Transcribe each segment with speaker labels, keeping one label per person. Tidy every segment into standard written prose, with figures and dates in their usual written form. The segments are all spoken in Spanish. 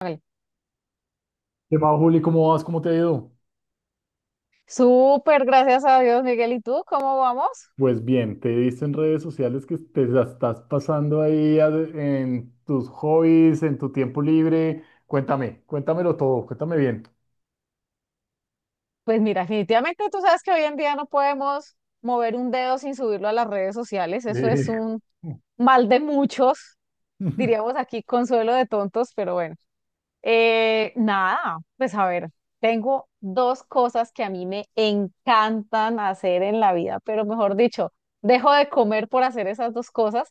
Speaker 1: Vale.
Speaker 2: ¿Qué más, Juli? ¿Cómo vas? ¿Cómo te ha ido?
Speaker 1: Súper, gracias a Dios, Miguel. ¿Y tú cómo vamos?
Speaker 2: Pues bien, te dicen en redes sociales que te la estás pasando ahí en tus hobbies, en tu tiempo libre. Cuéntame, cuéntamelo todo, cuéntame bien.
Speaker 1: Pues mira, definitivamente tú sabes que hoy en día no podemos mover un dedo sin subirlo a las redes sociales. Eso es
Speaker 2: Eh,
Speaker 1: un mal de muchos, diríamos aquí, consuelo de tontos, pero bueno. Nada, pues a ver, tengo dos cosas que a mí me encantan hacer en la vida, pero mejor dicho, dejo de comer por hacer esas dos cosas.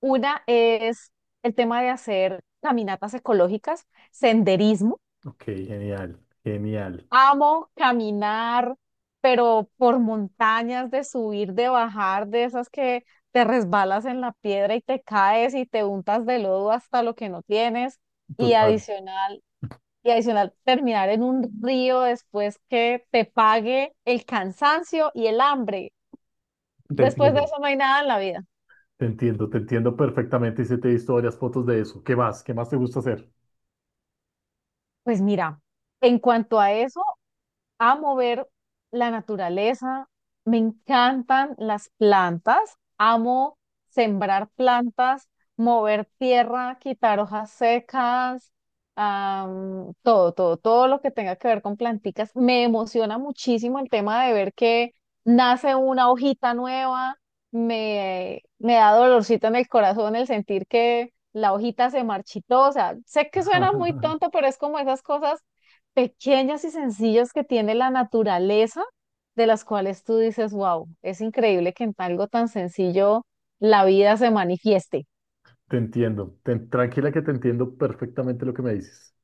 Speaker 1: Una es el tema de hacer caminatas ecológicas, senderismo.
Speaker 2: Ok, genial, genial.
Speaker 1: Amo caminar, pero por montañas de subir, de bajar, de esas que te resbalas en la piedra y te caes y te untas de lodo hasta lo que no tienes. Y
Speaker 2: Total,
Speaker 1: adicional, terminar en un río después que te pague el cansancio y el hambre.
Speaker 2: te
Speaker 1: Después de
Speaker 2: entiendo,
Speaker 1: eso no hay nada en la vida.
Speaker 2: te entiendo perfectamente. Hiciste historias, fotos de eso. ¿Qué más? ¿Qué más te gusta hacer?
Speaker 1: Pues mira, en cuanto a eso, amo ver la naturaleza, me encantan las plantas, amo sembrar plantas, mover tierra, quitar hojas secas, todo lo que tenga que ver con planticas. Me emociona muchísimo el tema de ver que nace una hojita nueva, me da dolorcito en el corazón el sentir que la hojita se marchitó. O sea, sé que suena muy tonto, pero es como esas cosas pequeñas y sencillas que tiene la naturaleza, de las cuales tú dices, wow, es increíble que en algo tan sencillo la vida se manifieste.
Speaker 2: Te entiendo, tranquila que te entiendo perfectamente lo que me dices.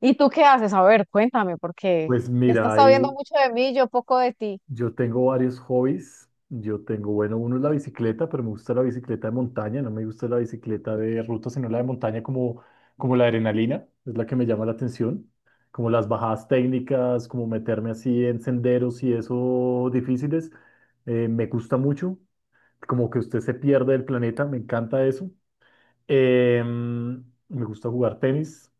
Speaker 1: ¿Y tú qué haces? A ver, cuéntame, porque
Speaker 2: Pues mira,
Speaker 1: estás sabiendo
Speaker 2: hay,
Speaker 1: mucho de mí, yo poco de ti.
Speaker 2: Yo tengo varios hobbies. Yo tengo, bueno, uno es la bicicleta, pero me gusta la bicicleta de montaña. No me gusta la bicicleta de ruta, sino la de montaña como la adrenalina. Es la que me llama la atención. Como las bajadas técnicas, como meterme así en senderos y eso difíciles. Me gusta mucho. Como que usted se pierde del planeta. Me encanta eso. Em, Me gusta jugar tenis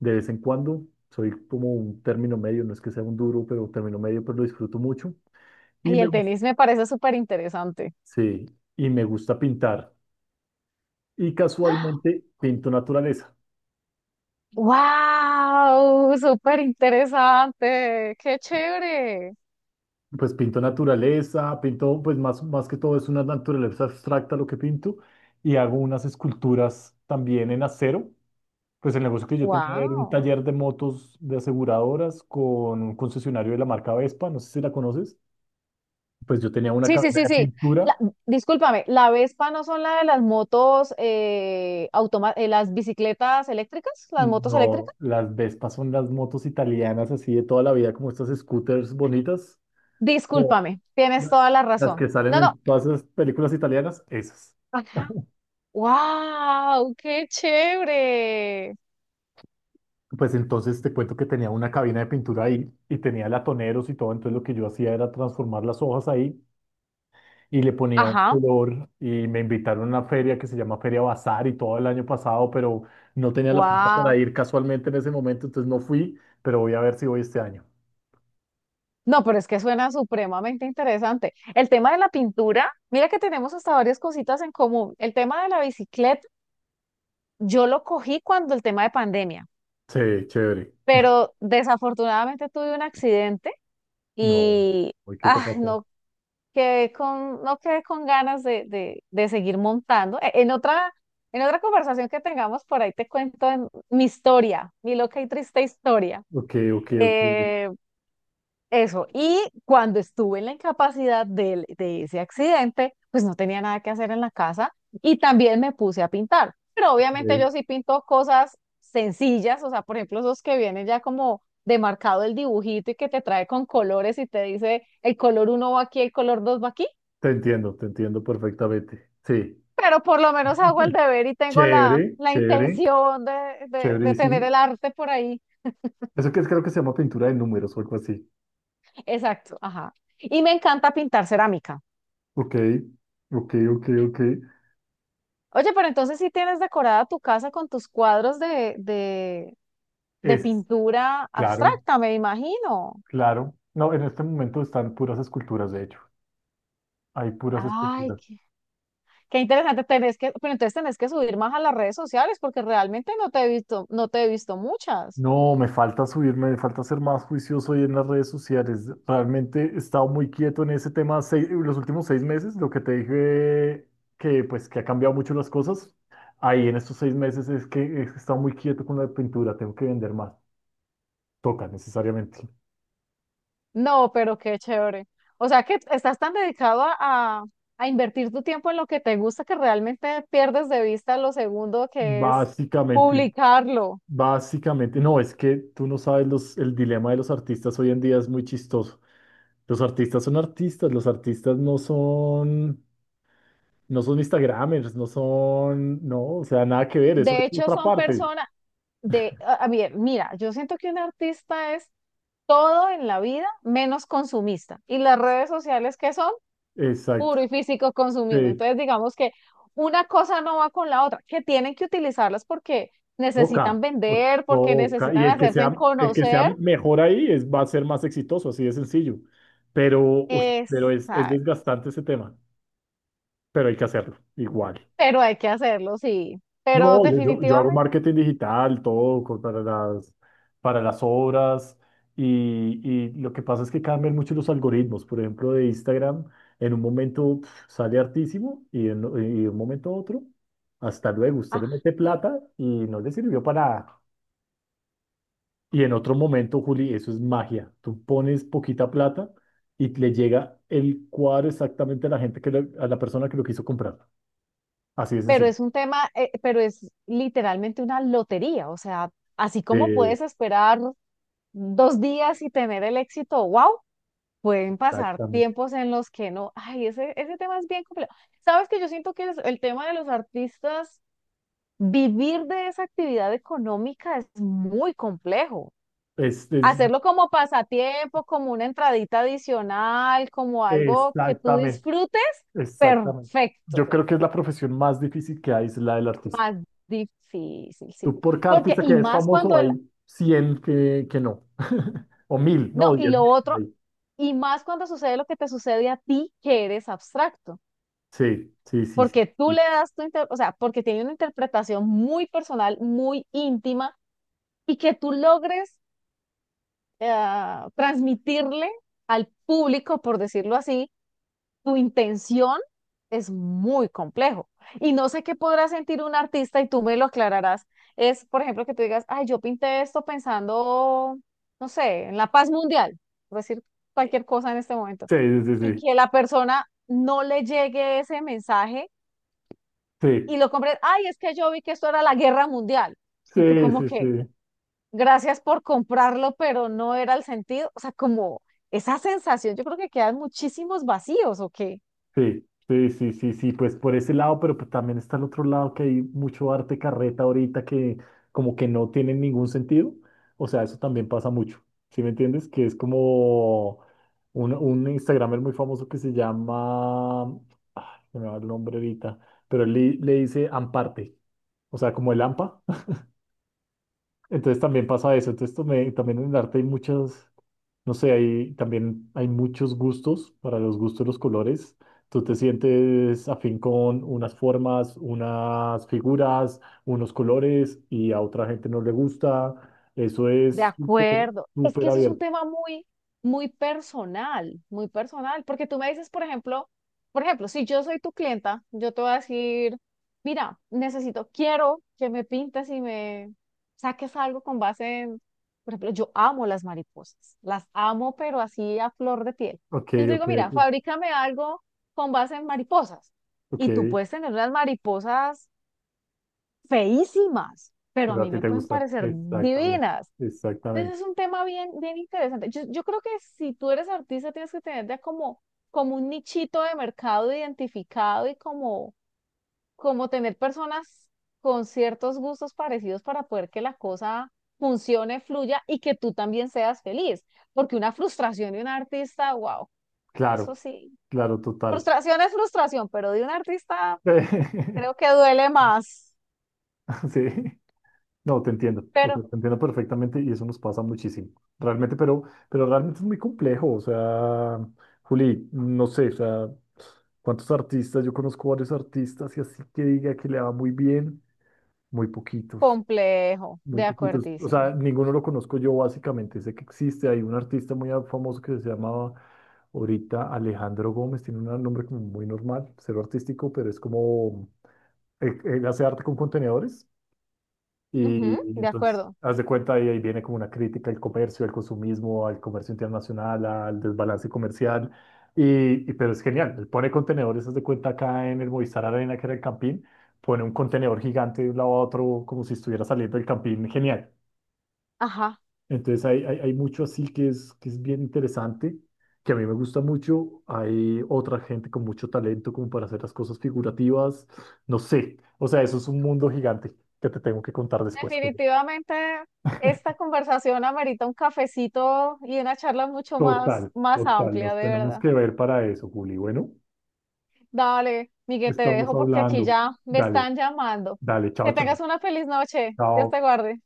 Speaker 2: de vez en cuando. Soy como un término medio. No es que sea un duro, pero término medio, pero lo disfruto mucho. Y
Speaker 1: Y
Speaker 2: me
Speaker 1: el
Speaker 2: gusta
Speaker 1: tenis me parece súper interesante.
Speaker 2: Sí, y me gusta pintar. Y casualmente pinto naturaleza.
Speaker 1: ¡Wow! Súper interesante. ¡Qué chévere!
Speaker 2: Pues pinto naturaleza, pinto, pues más que todo es una naturaleza abstracta lo que pinto y hago unas esculturas también en acero. Pues el negocio que yo tenía era un
Speaker 1: ¡Wow!
Speaker 2: taller de motos de aseguradoras con un concesionario de la marca Vespa, no sé si la conoces. Pues yo tenía una
Speaker 1: Sí, sí,
Speaker 2: cabina
Speaker 1: sí,
Speaker 2: de
Speaker 1: sí.
Speaker 2: pintura.
Speaker 1: La- Discúlpame, ¿la Vespa no son la de las motos, las bicicletas eléctricas? ¿Las motos
Speaker 2: No,
Speaker 1: eléctricas?
Speaker 2: las Vespas son las motos italianas así de toda la vida, como estas scooters bonitas. o
Speaker 1: Discúlpame, tienes
Speaker 2: la-
Speaker 1: toda la
Speaker 2: las
Speaker 1: razón.
Speaker 2: que salen
Speaker 1: No, no.
Speaker 2: en todas esas películas italianas, esas.
Speaker 1: Ajá. ¡Wow! ¡Qué chévere!
Speaker 2: Pues entonces te cuento que tenía una cabina de pintura ahí y tenía latoneros y todo, entonces lo que yo hacía era transformar las hojas ahí y le ponía un
Speaker 1: Ajá.
Speaker 2: color y me invitaron a una feria que se llama Feria Bazar y todo el año pasado, pero no tenía la plata para
Speaker 1: ¡Wow!
Speaker 2: ir casualmente en ese momento, entonces no fui, pero voy a ver si voy este año.
Speaker 1: No, pero es que suena supremamente interesante. El tema de la pintura, mira que tenemos hasta varias cositas en común. El tema de la bicicleta, yo lo cogí cuando el tema de pandemia,
Speaker 2: Sí, chévere.
Speaker 1: pero desafortunadamente tuve un accidente
Speaker 2: No,
Speaker 1: y
Speaker 2: uy, ¿qué te
Speaker 1: ah,
Speaker 2: pasó?
Speaker 1: no no quedé con ganas de seguir montando. En otra conversación que tengamos por ahí te cuento mi historia, mi loca y triste historia.
Speaker 2: Ok, ok, ok.
Speaker 1: Eh, Eso, y cuando estuve en la incapacidad de ese accidente, pues no tenía nada que hacer en la casa y también me puse a pintar. Pero obviamente
Speaker 2: Ok.
Speaker 1: yo sí pinto cosas sencillas, o sea, por ejemplo, esos que vienen ya como demarcado el dibujito y que te trae con colores y te dice el color uno va aquí, el color dos va aquí,
Speaker 2: Te entiendo perfectamente. Sí.
Speaker 1: pero por lo menos hago el deber y tengo la,
Speaker 2: Chévere,
Speaker 1: la
Speaker 2: chévere,
Speaker 1: intención de, de tener
Speaker 2: chéverísimo.
Speaker 1: el arte por ahí.
Speaker 2: Eso que es, creo que se llama pintura de números o algo así.
Speaker 1: Exacto, ajá. Y me encanta pintar cerámica.
Speaker 2: Ok, ok, ok, ok.
Speaker 1: Oye, pero entonces sí tienes decorada tu casa con tus cuadros de
Speaker 2: Es,
Speaker 1: pintura
Speaker 2: claro,
Speaker 1: abstracta, me imagino.
Speaker 2: claro. No, en este momento están puras esculturas, de hecho. Hay puras
Speaker 1: Ay,
Speaker 2: esculturas.
Speaker 1: qué, qué interesante. Tenés que, pero entonces tenés que subir más a las redes sociales porque realmente no te he visto, no te he visto muchas.
Speaker 2: No, me falta subirme, me falta ser más juicioso hoy en las redes sociales. Realmente he estado muy quieto en ese tema los últimos seis meses. Lo que te dije que, pues, que ha cambiado mucho las cosas. Ahí en estos seis meses es que he estado muy quieto con la pintura. Tengo que vender más. Toca necesariamente.
Speaker 1: No, pero qué chévere. O sea que estás tan dedicado a invertir tu tiempo en lo que te gusta que realmente pierdes de vista lo segundo que es
Speaker 2: Básicamente,
Speaker 1: publicarlo.
Speaker 2: básicamente, no, es que tú no sabes el dilema de los artistas hoy en día es muy chistoso. Los artistas son artistas, los artistas no son, no son Instagramers, no son, no, o sea, nada que ver, eso
Speaker 1: De
Speaker 2: es
Speaker 1: hecho,
Speaker 2: otra
Speaker 1: son
Speaker 2: parte.
Speaker 1: personas de, a ver, mira, yo siento que un artista es todo en la vida menos consumista. Y las redes sociales que son
Speaker 2: Exacto,
Speaker 1: puro y físico consumismo.
Speaker 2: sí,
Speaker 1: Entonces, digamos que una cosa no va con la otra, que tienen que utilizarlas porque
Speaker 2: toca,
Speaker 1: necesitan vender, porque
Speaker 2: toca, y
Speaker 1: necesitan hacerse en
Speaker 2: el que sea
Speaker 1: conocer.
Speaker 2: mejor ahí es, va a ser más exitoso, así de sencillo. Pero, uy, pero es
Speaker 1: Exacto.
Speaker 2: desgastante ese tema, pero hay que hacerlo, igual.
Speaker 1: Pero hay que hacerlo, sí. Pero
Speaker 2: No, yo hago
Speaker 1: definitivamente,
Speaker 2: marketing digital, para las obras y lo que pasa es que cambian mucho los algoritmos. Por ejemplo, de Instagram, en un momento pf, sale hartísimo y de un momento a otro, hasta luego, usted le
Speaker 1: ah,
Speaker 2: mete plata y no le sirvió para nada. Y en otro momento, Juli, eso es magia. Tú pones poquita plata y le llega el cuadro exactamente a la gente que a la persona que lo quiso comprar. Así de
Speaker 1: pero
Speaker 2: sencillo.
Speaker 1: es un tema, pero es literalmente una lotería. O sea, así como
Speaker 2: Eh,
Speaker 1: puedes esperar dos días y tener el éxito, wow, pueden pasar
Speaker 2: Exactamente.
Speaker 1: tiempos en los que no. Ay, ese tema es bien complejo. Sabes que yo siento que el tema de los artistas, vivir de esa actividad económica es muy complejo.
Speaker 2: Es
Speaker 1: Hacerlo como pasatiempo, como una entradita adicional, como algo que tú
Speaker 2: Exactamente,
Speaker 1: disfrutes,
Speaker 2: exactamente. Yo
Speaker 1: perfecto.
Speaker 2: creo que es la profesión más difícil que hay, es la del artista.
Speaker 1: Más difícil, sí.
Speaker 2: Tú por cada
Speaker 1: Porque,
Speaker 2: artista
Speaker 1: y
Speaker 2: que es
Speaker 1: más
Speaker 2: famoso
Speaker 1: cuando el,
Speaker 2: hay 100 que no, o 1000,
Speaker 1: no,
Speaker 2: no,
Speaker 1: y lo otro,
Speaker 2: 10.000.
Speaker 1: y más cuando sucede lo que te sucede a ti, que eres abstracto.
Speaker 2: Sí, sí, sí, sí.
Speaker 1: Porque tú le das tu o sea, porque tiene una interpretación muy personal, muy íntima, y que tú logres eh, transmitirle al público, por decirlo así, tu intención es muy complejo. Y no sé qué podrá sentir un artista y tú me lo aclararás. Es, por ejemplo, que tú digas, ay, yo pinté esto pensando, no sé, en la paz mundial, por decir cualquier cosa en este momento,
Speaker 2: Sí, sí,
Speaker 1: y
Speaker 2: sí,
Speaker 1: que la persona no le llegue ese mensaje y
Speaker 2: sí.
Speaker 1: lo compré. Ay, es que yo vi que esto era la guerra mundial.
Speaker 2: Sí,
Speaker 1: Y tú como
Speaker 2: sí, sí,
Speaker 1: que,
Speaker 2: sí,
Speaker 1: gracias por comprarlo, pero no era el sentido. O sea, como esa sensación, yo creo que quedan muchísimos vacíos, ¿o qué?
Speaker 2: sí, sí, sí, sí, sí, pues por ese lado, pero pues también está el otro lado que hay mucho arte carreta ahorita que como que no tiene ningún sentido. O sea, eso también pasa mucho. ¿Sí me entiendes? Que es como un Instagramer muy famoso que se llama, se me va el nombre ahorita, pero le dice Amparte, o sea, como el AMPA. Entonces también pasa eso. Entonces también en el arte hay muchas. No sé, hay, también hay muchos gustos para los gustos de los colores. Tú te sientes afín con unas formas, unas figuras, unos colores y a otra gente no le gusta. Eso
Speaker 1: De
Speaker 2: es súper,
Speaker 1: acuerdo. Es que
Speaker 2: súper
Speaker 1: eso es un
Speaker 2: abierto.
Speaker 1: tema muy, muy personal, porque tú me dices, por ejemplo, si yo soy tu clienta, yo te voy a decir, mira, necesito, quiero que me pintes y me saques algo con base en, por ejemplo, yo amo las mariposas, las amo, pero así a flor de piel.
Speaker 2: Ok,
Speaker 1: Yo te
Speaker 2: ok,
Speaker 1: digo,
Speaker 2: ok.
Speaker 1: mira, fabrícame algo con base en mariposas.
Speaker 2: Ok,
Speaker 1: Y tú puedes tener unas mariposas feísimas, pero a
Speaker 2: pero a
Speaker 1: mí
Speaker 2: ti
Speaker 1: me
Speaker 2: te
Speaker 1: pueden
Speaker 2: gusta.
Speaker 1: parecer
Speaker 2: Exactamente,
Speaker 1: divinas.
Speaker 2: exactamente.
Speaker 1: Entonces es un tema bien, bien interesante. Yo creo que si tú eres artista tienes que tener ya como, como un nichito de mercado identificado y como, como tener personas con ciertos gustos parecidos para poder que la cosa funcione, fluya y que tú también seas feliz. Porque una frustración de un artista, wow,
Speaker 2: Claro,
Speaker 1: eso sí.
Speaker 2: claro, total.
Speaker 1: Frustración es frustración, pero de un artista creo que duele más,
Speaker 2: Sí. No, te entiendo, o sea,
Speaker 1: pero
Speaker 2: te entiendo perfectamente y eso nos pasa muchísimo, realmente, pero realmente es muy complejo, o sea, Juli, no sé, o sea, ¿cuántos artistas? Yo conozco varios artistas y así que diga que le va muy bien, muy poquitos,
Speaker 1: complejo,
Speaker 2: muy
Speaker 1: de
Speaker 2: poquitos, o sea,
Speaker 1: acuerdísimo.
Speaker 2: ninguno lo conozco yo básicamente, sé que existe, hay un artista muy famoso que se llamaba ahorita Alejandro Gómez, tiene un nombre como muy normal, cero artístico, pero es como, él hace arte con contenedores.
Speaker 1: Ujú,
Speaker 2: Y
Speaker 1: de
Speaker 2: entonces,
Speaker 1: acuerdo.
Speaker 2: haz de cuenta, ahí viene como una crítica al comercio, al consumismo, al comercio internacional, al desbalance comercial. Pero es genial, él pone contenedores, haz de cuenta, acá en el Movistar Arena, que era el Campín, pone un contenedor gigante de un lado a otro, como si estuviera saliendo del Campín, genial.
Speaker 1: Ajá.
Speaker 2: Entonces, hay mucho así que que es bien interesante, que a mí me gusta mucho. Hay otra gente con mucho talento como para hacer las cosas figurativas, no sé. O sea, eso es un mundo gigante que te tengo que contar después.
Speaker 1: Definitivamente esta conversación amerita un cafecito y una charla mucho más,
Speaker 2: Total,
Speaker 1: más
Speaker 2: total,
Speaker 1: amplia,
Speaker 2: nos
Speaker 1: de
Speaker 2: tenemos
Speaker 1: verdad.
Speaker 2: que ver para eso, Juli. Bueno,
Speaker 1: Dale, Miguel, te
Speaker 2: estamos
Speaker 1: dejo porque aquí
Speaker 2: hablando.
Speaker 1: ya me
Speaker 2: Dale,
Speaker 1: están llamando.
Speaker 2: dale, chao,
Speaker 1: Que
Speaker 2: chao.
Speaker 1: tengas una feliz noche. Dios
Speaker 2: Chao.
Speaker 1: te guarde.